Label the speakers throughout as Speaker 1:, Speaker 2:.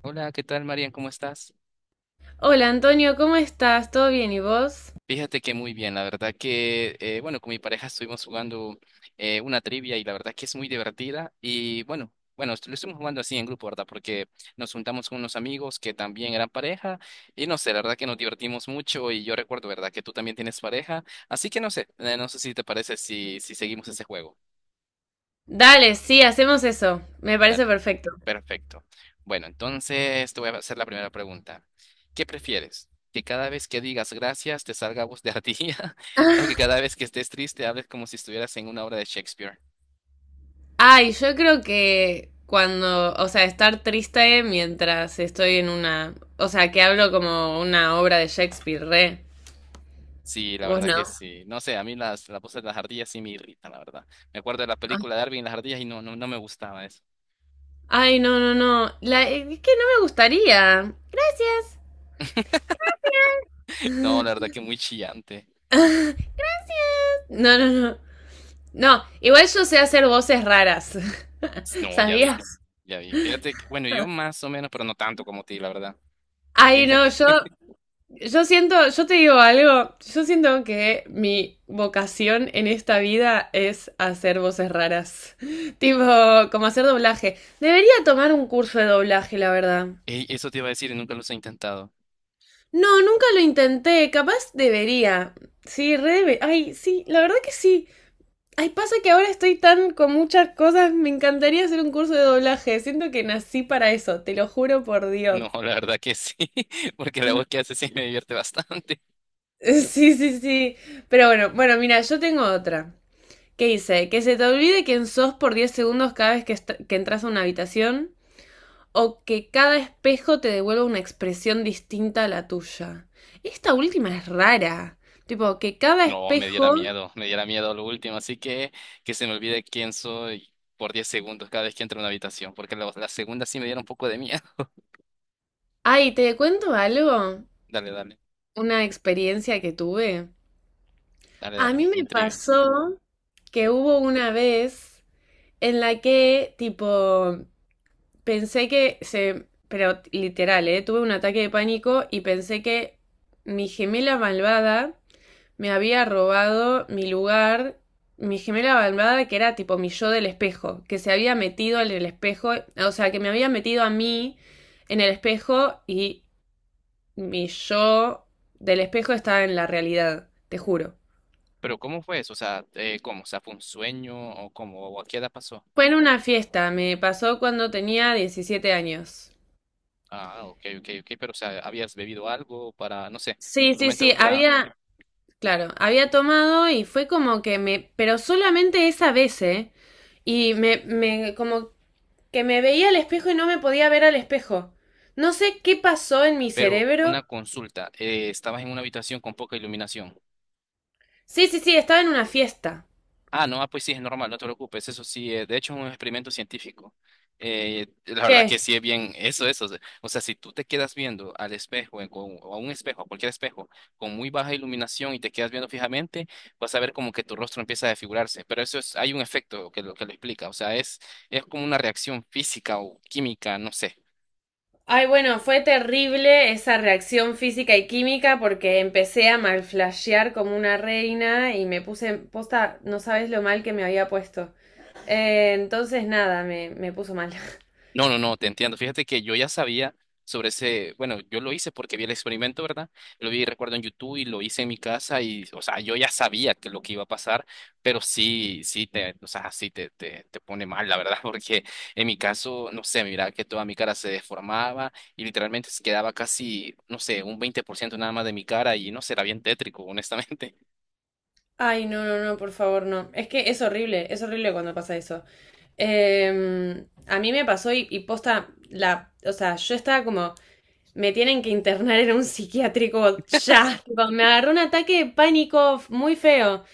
Speaker 1: Hola, ¿qué tal, Marian? ¿Cómo estás?
Speaker 2: Hola Antonio, ¿cómo estás? ¿Todo bien y vos?
Speaker 1: Fíjate que muy bien, la verdad que, bueno, con mi pareja estuvimos jugando una trivia y la verdad que es muy divertida y bueno, lo estuvimos jugando así en grupo, ¿verdad? Porque nos juntamos con unos amigos que también eran pareja y no sé, la verdad que nos divertimos mucho y yo recuerdo, ¿verdad? Que tú también tienes pareja, así que no sé, no sé si te parece si seguimos ese juego.
Speaker 2: Dale, sí, hacemos eso. Me parece
Speaker 1: Dale.
Speaker 2: perfecto.
Speaker 1: Perfecto. Bueno, entonces te voy a hacer la primera pregunta. ¿Qué prefieres? ¿Que cada vez que digas gracias te salga voz de ardilla? ¿O que cada vez que estés triste hables como si estuvieras en una obra de Shakespeare?
Speaker 2: Ay, yo creo que cuando, o sea, estar triste mientras estoy en una, o sea, que hablo como una obra de Shakespeare, re.
Speaker 1: Sí, la
Speaker 2: Vos
Speaker 1: verdad que
Speaker 2: no.
Speaker 1: sí. No sé, a mí las voces de las ardillas sí me irritan, la verdad. Me acuerdo de la
Speaker 2: Ay,
Speaker 1: película de Darwin y las ardillas y no, no, no me gustaba eso.
Speaker 2: ay, no, no, no. La, es que no me gustaría. Gracias.
Speaker 1: No, la verdad que muy chillante.
Speaker 2: No, no, no. No, igual yo sé hacer voces raras.
Speaker 1: No, ya vi,
Speaker 2: ¿Sabías?
Speaker 1: ya vi. Fíjate que, bueno, yo más o menos, pero no tanto como ti, la verdad.
Speaker 2: Ay,
Speaker 1: Tienes-
Speaker 2: no, Yo siento, yo te digo algo, yo siento que mi vocación en esta vida es hacer voces raras, tipo como hacer doblaje. Debería tomar un curso de doblaje, la verdad.
Speaker 1: Ey, eso te iba a decir y nunca los he intentado.
Speaker 2: No, nunca lo intenté, capaz debería. Sí, ay, sí, la verdad que sí. Ay, pasa que ahora estoy tan con muchas cosas, me encantaría hacer un curso de doblaje, siento que nací para eso, te lo juro por Dios.
Speaker 1: No, la verdad que sí, porque la voz que hace sí me divierte bastante.
Speaker 2: Sí, sí, sí. Pero bueno, bueno, mira, yo tengo otra. ¿Qué dice? Que se te olvide quién sos por 10 segundos cada vez que, que entras a una habitación o que cada espejo te devuelva una expresión distinta a la tuya. Esta última es rara. Tipo, que cada
Speaker 1: No,
Speaker 2: espejo...
Speaker 1: me diera miedo lo último, así que se me olvide quién soy por 10 segundos cada vez que entro a una habitación, porque la segunda sí me diera un poco de miedo.
Speaker 2: Ay, ¿te cuento algo?
Speaker 1: Dale, dale,
Speaker 2: Una experiencia que tuve.
Speaker 1: dale,
Speaker 2: A
Speaker 1: dale,
Speaker 2: mí
Speaker 1: me
Speaker 2: me
Speaker 1: intriga.
Speaker 2: pasó que hubo una vez en la que, tipo, pensé que se... Pero literal, ¿eh? Tuve un ataque de pánico y pensé que mi gemela malvada me había robado mi lugar, mi gemela malvada, que era tipo mi yo del espejo, que se había metido en el espejo, o sea, que me había metido a mí en el espejo y mi yo del espejo estaba en la realidad, te juro.
Speaker 1: Pero ¿cómo fue eso? O sea, ¿cómo? O sea, ¿fue un sueño o cómo? ¿O a qué edad pasó?
Speaker 2: Fue en una fiesta, me pasó cuando tenía 17 años.
Speaker 1: Ah, ok, ok, ok, pero o sea, ¿habías bebido algo para, no sé,
Speaker 2: Sí,
Speaker 1: tu
Speaker 2: sí,
Speaker 1: mente
Speaker 2: sí,
Speaker 1: adulterada?
Speaker 2: había, claro, había tomado y fue como que me, pero solamente esa vez, ¿eh? Y como que me veía al espejo y no me podía ver al espejo. No sé qué pasó en mi
Speaker 1: Pero
Speaker 2: cerebro.
Speaker 1: una consulta, ¿estabas en una habitación con poca iluminación?
Speaker 2: Sí, sí, sí, estaba en una fiesta.
Speaker 1: Ah, no, ah, pues sí, es normal, no te preocupes. Eso sí, de hecho es un experimento científico. La verdad que
Speaker 2: ¿Qué?
Speaker 1: sí es bien, eso, eso. O sea, si tú te quedas viendo al espejo, o a un espejo, a cualquier espejo, con muy baja iluminación y te quedas viendo fijamente, vas a ver como que tu rostro empieza a desfigurarse. Pero eso es, hay un efecto que lo explica. O sea, es como una reacción física o química, no sé.
Speaker 2: Ay, bueno, fue terrible esa reacción física y química porque empecé a malflashear como una reina y me puse posta, no sabes lo mal que me había puesto. Entonces nada, me puso mal.
Speaker 1: No, no, no, te entiendo. Fíjate que yo ya sabía sobre ese, bueno, yo lo hice porque vi el experimento, ¿verdad? Lo vi, recuerdo, en YouTube y lo hice en mi casa y, o sea, yo ya sabía que lo que iba a pasar, pero sí, sí te, o sea, sí te, te pone mal, la verdad, porque en mi caso, no sé, mira que toda mi cara se deformaba y literalmente se quedaba casi, no sé, un 20% nada más de mi cara y no sé, era bien tétrico, honestamente.
Speaker 2: Ay, no, no, no, por favor, no. Es que es horrible cuando pasa eso. A mí me pasó y posta, la, o sea, yo estaba como me tienen que internar en un psiquiátrico ya. Tipo, me agarró un ataque de pánico muy feo.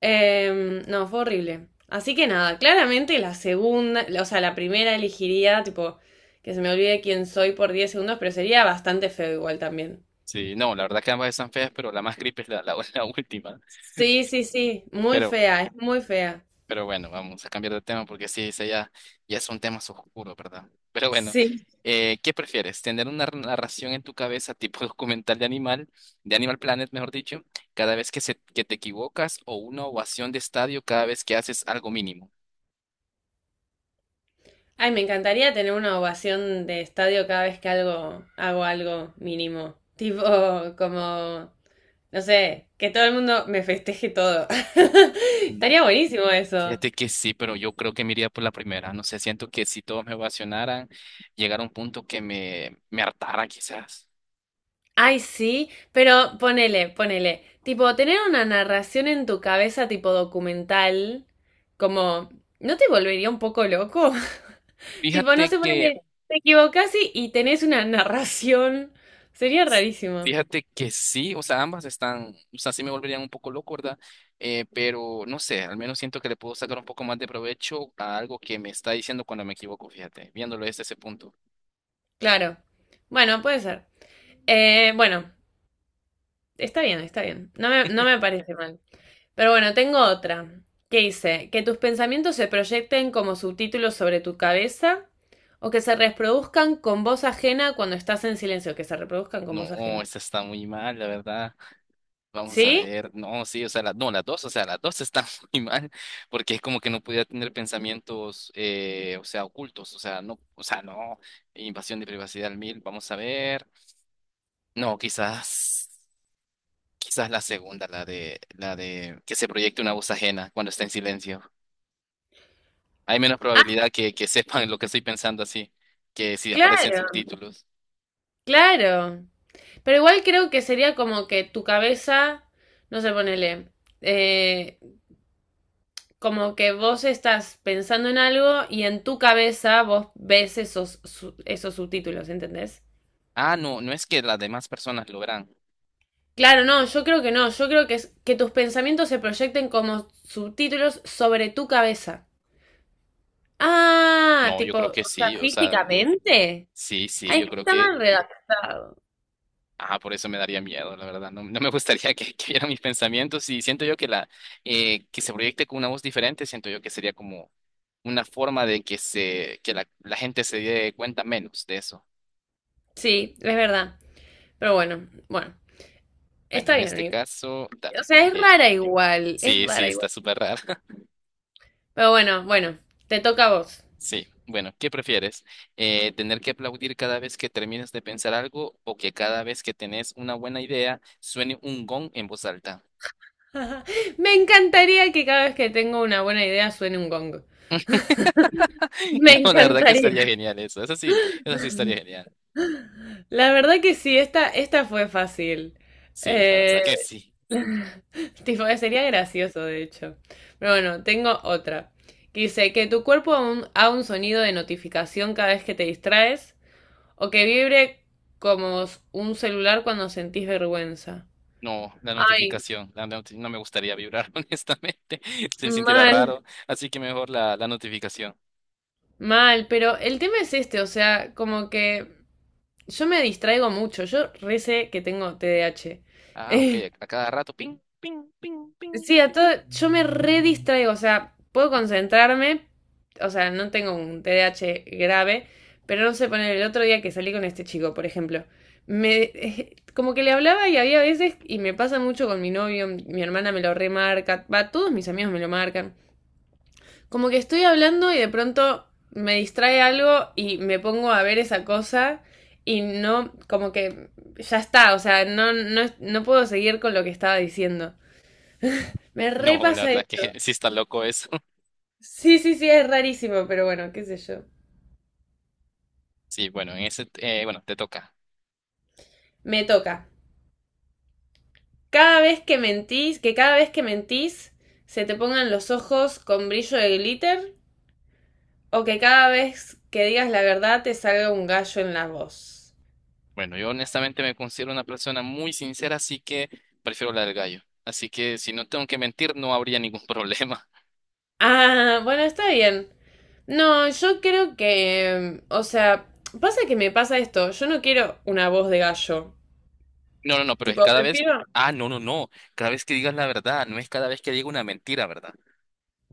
Speaker 2: No, fue horrible. Así que nada, claramente la segunda, o sea, la primera elegiría, tipo, que se me olvide quién soy por 10 segundos, pero sería bastante feo igual también.
Speaker 1: Sí, no, la verdad que ambas están feas, pero la más creepy es la la última.
Speaker 2: Sí, sí, sí, muy
Speaker 1: Pero
Speaker 2: fea, es muy fea.
Speaker 1: Pero bueno, vamos a cambiar de tema porque sí, ya es un tema oscuro, ¿verdad? Pero bueno,
Speaker 2: Sí.
Speaker 1: ¿qué prefieres? ¿Tener una narración en tu cabeza tipo documental de Animal Planet, mejor dicho, cada vez que, que te equivocas o una ovación de estadio cada vez que haces algo mínimo?
Speaker 2: Ay, me encantaría tener una ovación de estadio cada vez que hago algo mínimo. Tipo, como no sé, que todo el mundo me festeje todo.
Speaker 1: Mm,
Speaker 2: Estaría buenísimo eso.
Speaker 1: Fíjate que sí, pero yo creo que me iría por la primera. No sé, siento que si todos me ovacionaran, llegar a un punto que me hartara quizás.
Speaker 2: Ay, sí, pero ponele, ponele. Tipo, tener una narración en tu cabeza tipo documental, como, ¿no te volvería un poco loco? Tipo, no
Speaker 1: Fíjate
Speaker 2: sé,
Speaker 1: que
Speaker 2: ponele, te equivocás y tenés una narración. Sería rarísimo.
Speaker 1: Fíjate que sí, o sea, ambas están, o sea, sí me volverían un poco loco, ¿verdad? Pero no sé, al menos siento que le puedo sacar un poco más de provecho a algo que me está diciendo cuando me equivoco, fíjate, viéndolo desde ese punto.
Speaker 2: Claro. Bueno, puede ser. Bueno, está bien, está bien. No me, no me parece mal. Pero bueno, tengo otra. ¿Que dice? Que tus pensamientos se proyecten como subtítulos sobre tu cabeza o que se reproduzcan con voz ajena cuando estás en silencio, que se reproduzcan con voz
Speaker 1: No,
Speaker 2: ajena.
Speaker 1: esta está muy mal, la verdad. Vamos a
Speaker 2: ¿Sí?
Speaker 1: ver, no, sí, o sea, no, las dos, o sea, las dos están muy mal, porque es como que no podía tener pensamientos, o sea, ocultos, o sea, no, invasión de privacidad al mil, vamos a ver. No, quizás. Quizás la segunda, la de que se proyecte una voz ajena cuando está en silencio. Hay menos
Speaker 2: Ah,
Speaker 1: probabilidad que sepan lo que estoy pensando así, que si aparecen
Speaker 2: claro,
Speaker 1: subtítulos.
Speaker 2: claro. Pero igual creo que sería como que tu cabeza, no sé, ponele, eh, como que vos estás pensando en algo y en tu cabeza vos ves esos, esos subtítulos, ¿entendés?
Speaker 1: Ah, no, no es que las demás personas lo verán.
Speaker 2: Claro, no, yo creo que no. Yo creo que es que tus pensamientos se proyecten como subtítulos sobre tu cabeza. Ah,
Speaker 1: No, yo
Speaker 2: tipo,
Speaker 1: creo que
Speaker 2: o sea,
Speaker 1: sí, o sea,
Speaker 2: físicamente.
Speaker 1: sí, sí,
Speaker 2: Ay, es
Speaker 1: yo
Speaker 2: que
Speaker 1: creo
Speaker 2: está
Speaker 1: que,
Speaker 2: mal redactado.
Speaker 1: ah, por eso me daría miedo, la verdad. No, no me gustaría que vieran mis pensamientos y siento yo que la, que se proyecte con una voz diferente, siento yo que sería como una forma de que que la gente se dé cuenta menos de eso.
Speaker 2: Sí, es verdad. Pero bueno, bueno,
Speaker 1: Bueno,
Speaker 2: está
Speaker 1: en
Speaker 2: bien,
Speaker 1: este
Speaker 2: amigo.
Speaker 1: caso, dale.
Speaker 2: O sea, es rara igual, es
Speaker 1: Sí, sí,
Speaker 2: rara
Speaker 1: está
Speaker 2: igual.
Speaker 1: súper raro.
Speaker 2: Pero bueno, bueno, te toca a vos.
Speaker 1: Sí, bueno, ¿qué prefieres? ¿Tener que aplaudir cada vez que termines de pensar algo o que cada vez que tenés una buena idea suene un gong en voz alta?
Speaker 2: Me encantaría que cada vez que tengo una buena idea suene un gong. Me
Speaker 1: No, la verdad que
Speaker 2: encantaría.
Speaker 1: estaría genial eso. Eso sí estaría genial.
Speaker 2: La verdad que sí, esta fue fácil.
Speaker 1: Sí, la
Speaker 2: Eh,
Speaker 1: verdad que sí.
Speaker 2: tipo, sería gracioso, de hecho. Pero bueno, tengo otra. Que dice que tu cuerpo haga un sonido de notificación cada vez que te distraes o que vibre como un celular cuando sentís vergüenza.
Speaker 1: No, la
Speaker 2: Ay,
Speaker 1: notificación, la noti- no me gustaría vibrar, honestamente. Se sintiera
Speaker 2: mal,
Speaker 1: raro, así que mejor la notificación.
Speaker 2: mal, pero el tema es este, o sea, como que yo me distraigo mucho, yo recé que tengo TDAH
Speaker 1: Ah, ok, a cada rato, ping, ping.
Speaker 2: Sí, a todo, yo me redistraigo, o sea, puedo concentrarme, o sea, no tengo un TDAH grave, pero no sé poner el otro día que salí con este chico, por ejemplo. Me, Como que le hablaba y había veces, y me pasa mucho con mi novio, mi hermana me lo remarca, va, todos mis amigos me lo marcan. Como que estoy hablando y de pronto me distrae algo y me pongo a ver esa cosa y no, como que ya está, o sea, no, no, no puedo seguir con lo que estaba diciendo. Me
Speaker 1: No, la
Speaker 2: repasa.
Speaker 1: verdad que sí está loco eso.
Speaker 2: Sí, sí, sí, es rarísimo, pero bueno, qué sé yo.
Speaker 1: Sí, bueno, en ese, bueno, te toca.
Speaker 2: Me toca. Cada vez que mentís, que cada vez que mentís se te pongan los ojos con brillo de glitter o que cada vez que digas la verdad te salga un gallo en la voz.
Speaker 1: Bueno, yo honestamente me considero una persona muy sincera, así que prefiero la del gallo. Así que si no tengo que mentir, no habría ningún problema.
Speaker 2: Ah, bueno, está bien. No, yo creo que, o sea, pasa que me pasa esto, yo no quiero una voz de gallo.
Speaker 1: No, no, no, pero es
Speaker 2: Tipo,
Speaker 1: cada vez.
Speaker 2: prefiero,
Speaker 1: Ah, no, no, no. Cada vez que digas la verdad, no es cada vez que diga una mentira, ¿verdad?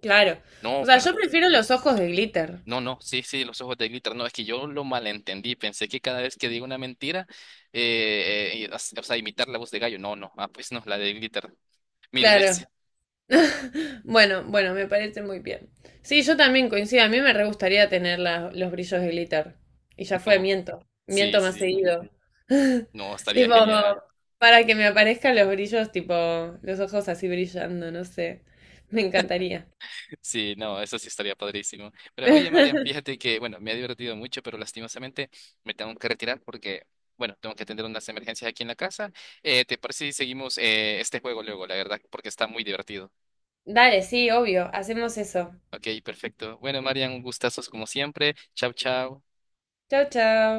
Speaker 2: claro.
Speaker 1: No,
Speaker 2: O sea, yo
Speaker 1: perdón.
Speaker 2: prefiero los ojos de glitter.
Speaker 1: No, no, sí, sí, los ojos de glitter. No, es que yo lo malentendí. Pensé que cada vez que digo una mentira, o sea, imitar la voz de gallo. No, no. Ah, pues no, la de glitter. Mil
Speaker 2: Claro.
Speaker 1: veces.
Speaker 2: Bueno, bueno, me parece muy bien. Sí, yo también coincido. A mí me re gustaría tener los brillos de glitter. Y ya fue,
Speaker 1: No,
Speaker 2: miento.
Speaker 1: sí,
Speaker 2: Miento más
Speaker 1: sí.
Speaker 2: seguido.
Speaker 1: No, estaría
Speaker 2: Tipo,
Speaker 1: genial.
Speaker 2: para que me aparezcan los brillos, tipo, los ojos así brillando, no sé. Me encantaría.
Speaker 1: Sí, no, eso sí estaría padrísimo. Pero oye, Marian, fíjate que, bueno, me ha divertido mucho, pero lastimosamente me tengo que retirar porque, bueno, tengo que atender unas emergencias aquí en la casa. ¿Te parece si seguimos este juego luego, la verdad? Porque está muy divertido.
Speaker 2: Dale, sí, obvio. Hacemos eso.
Speaker 1: Ok, perfecto. Bueno, Marian, un gustazo como siempre. Chao, chao.
Speaker 2: Chao, chao.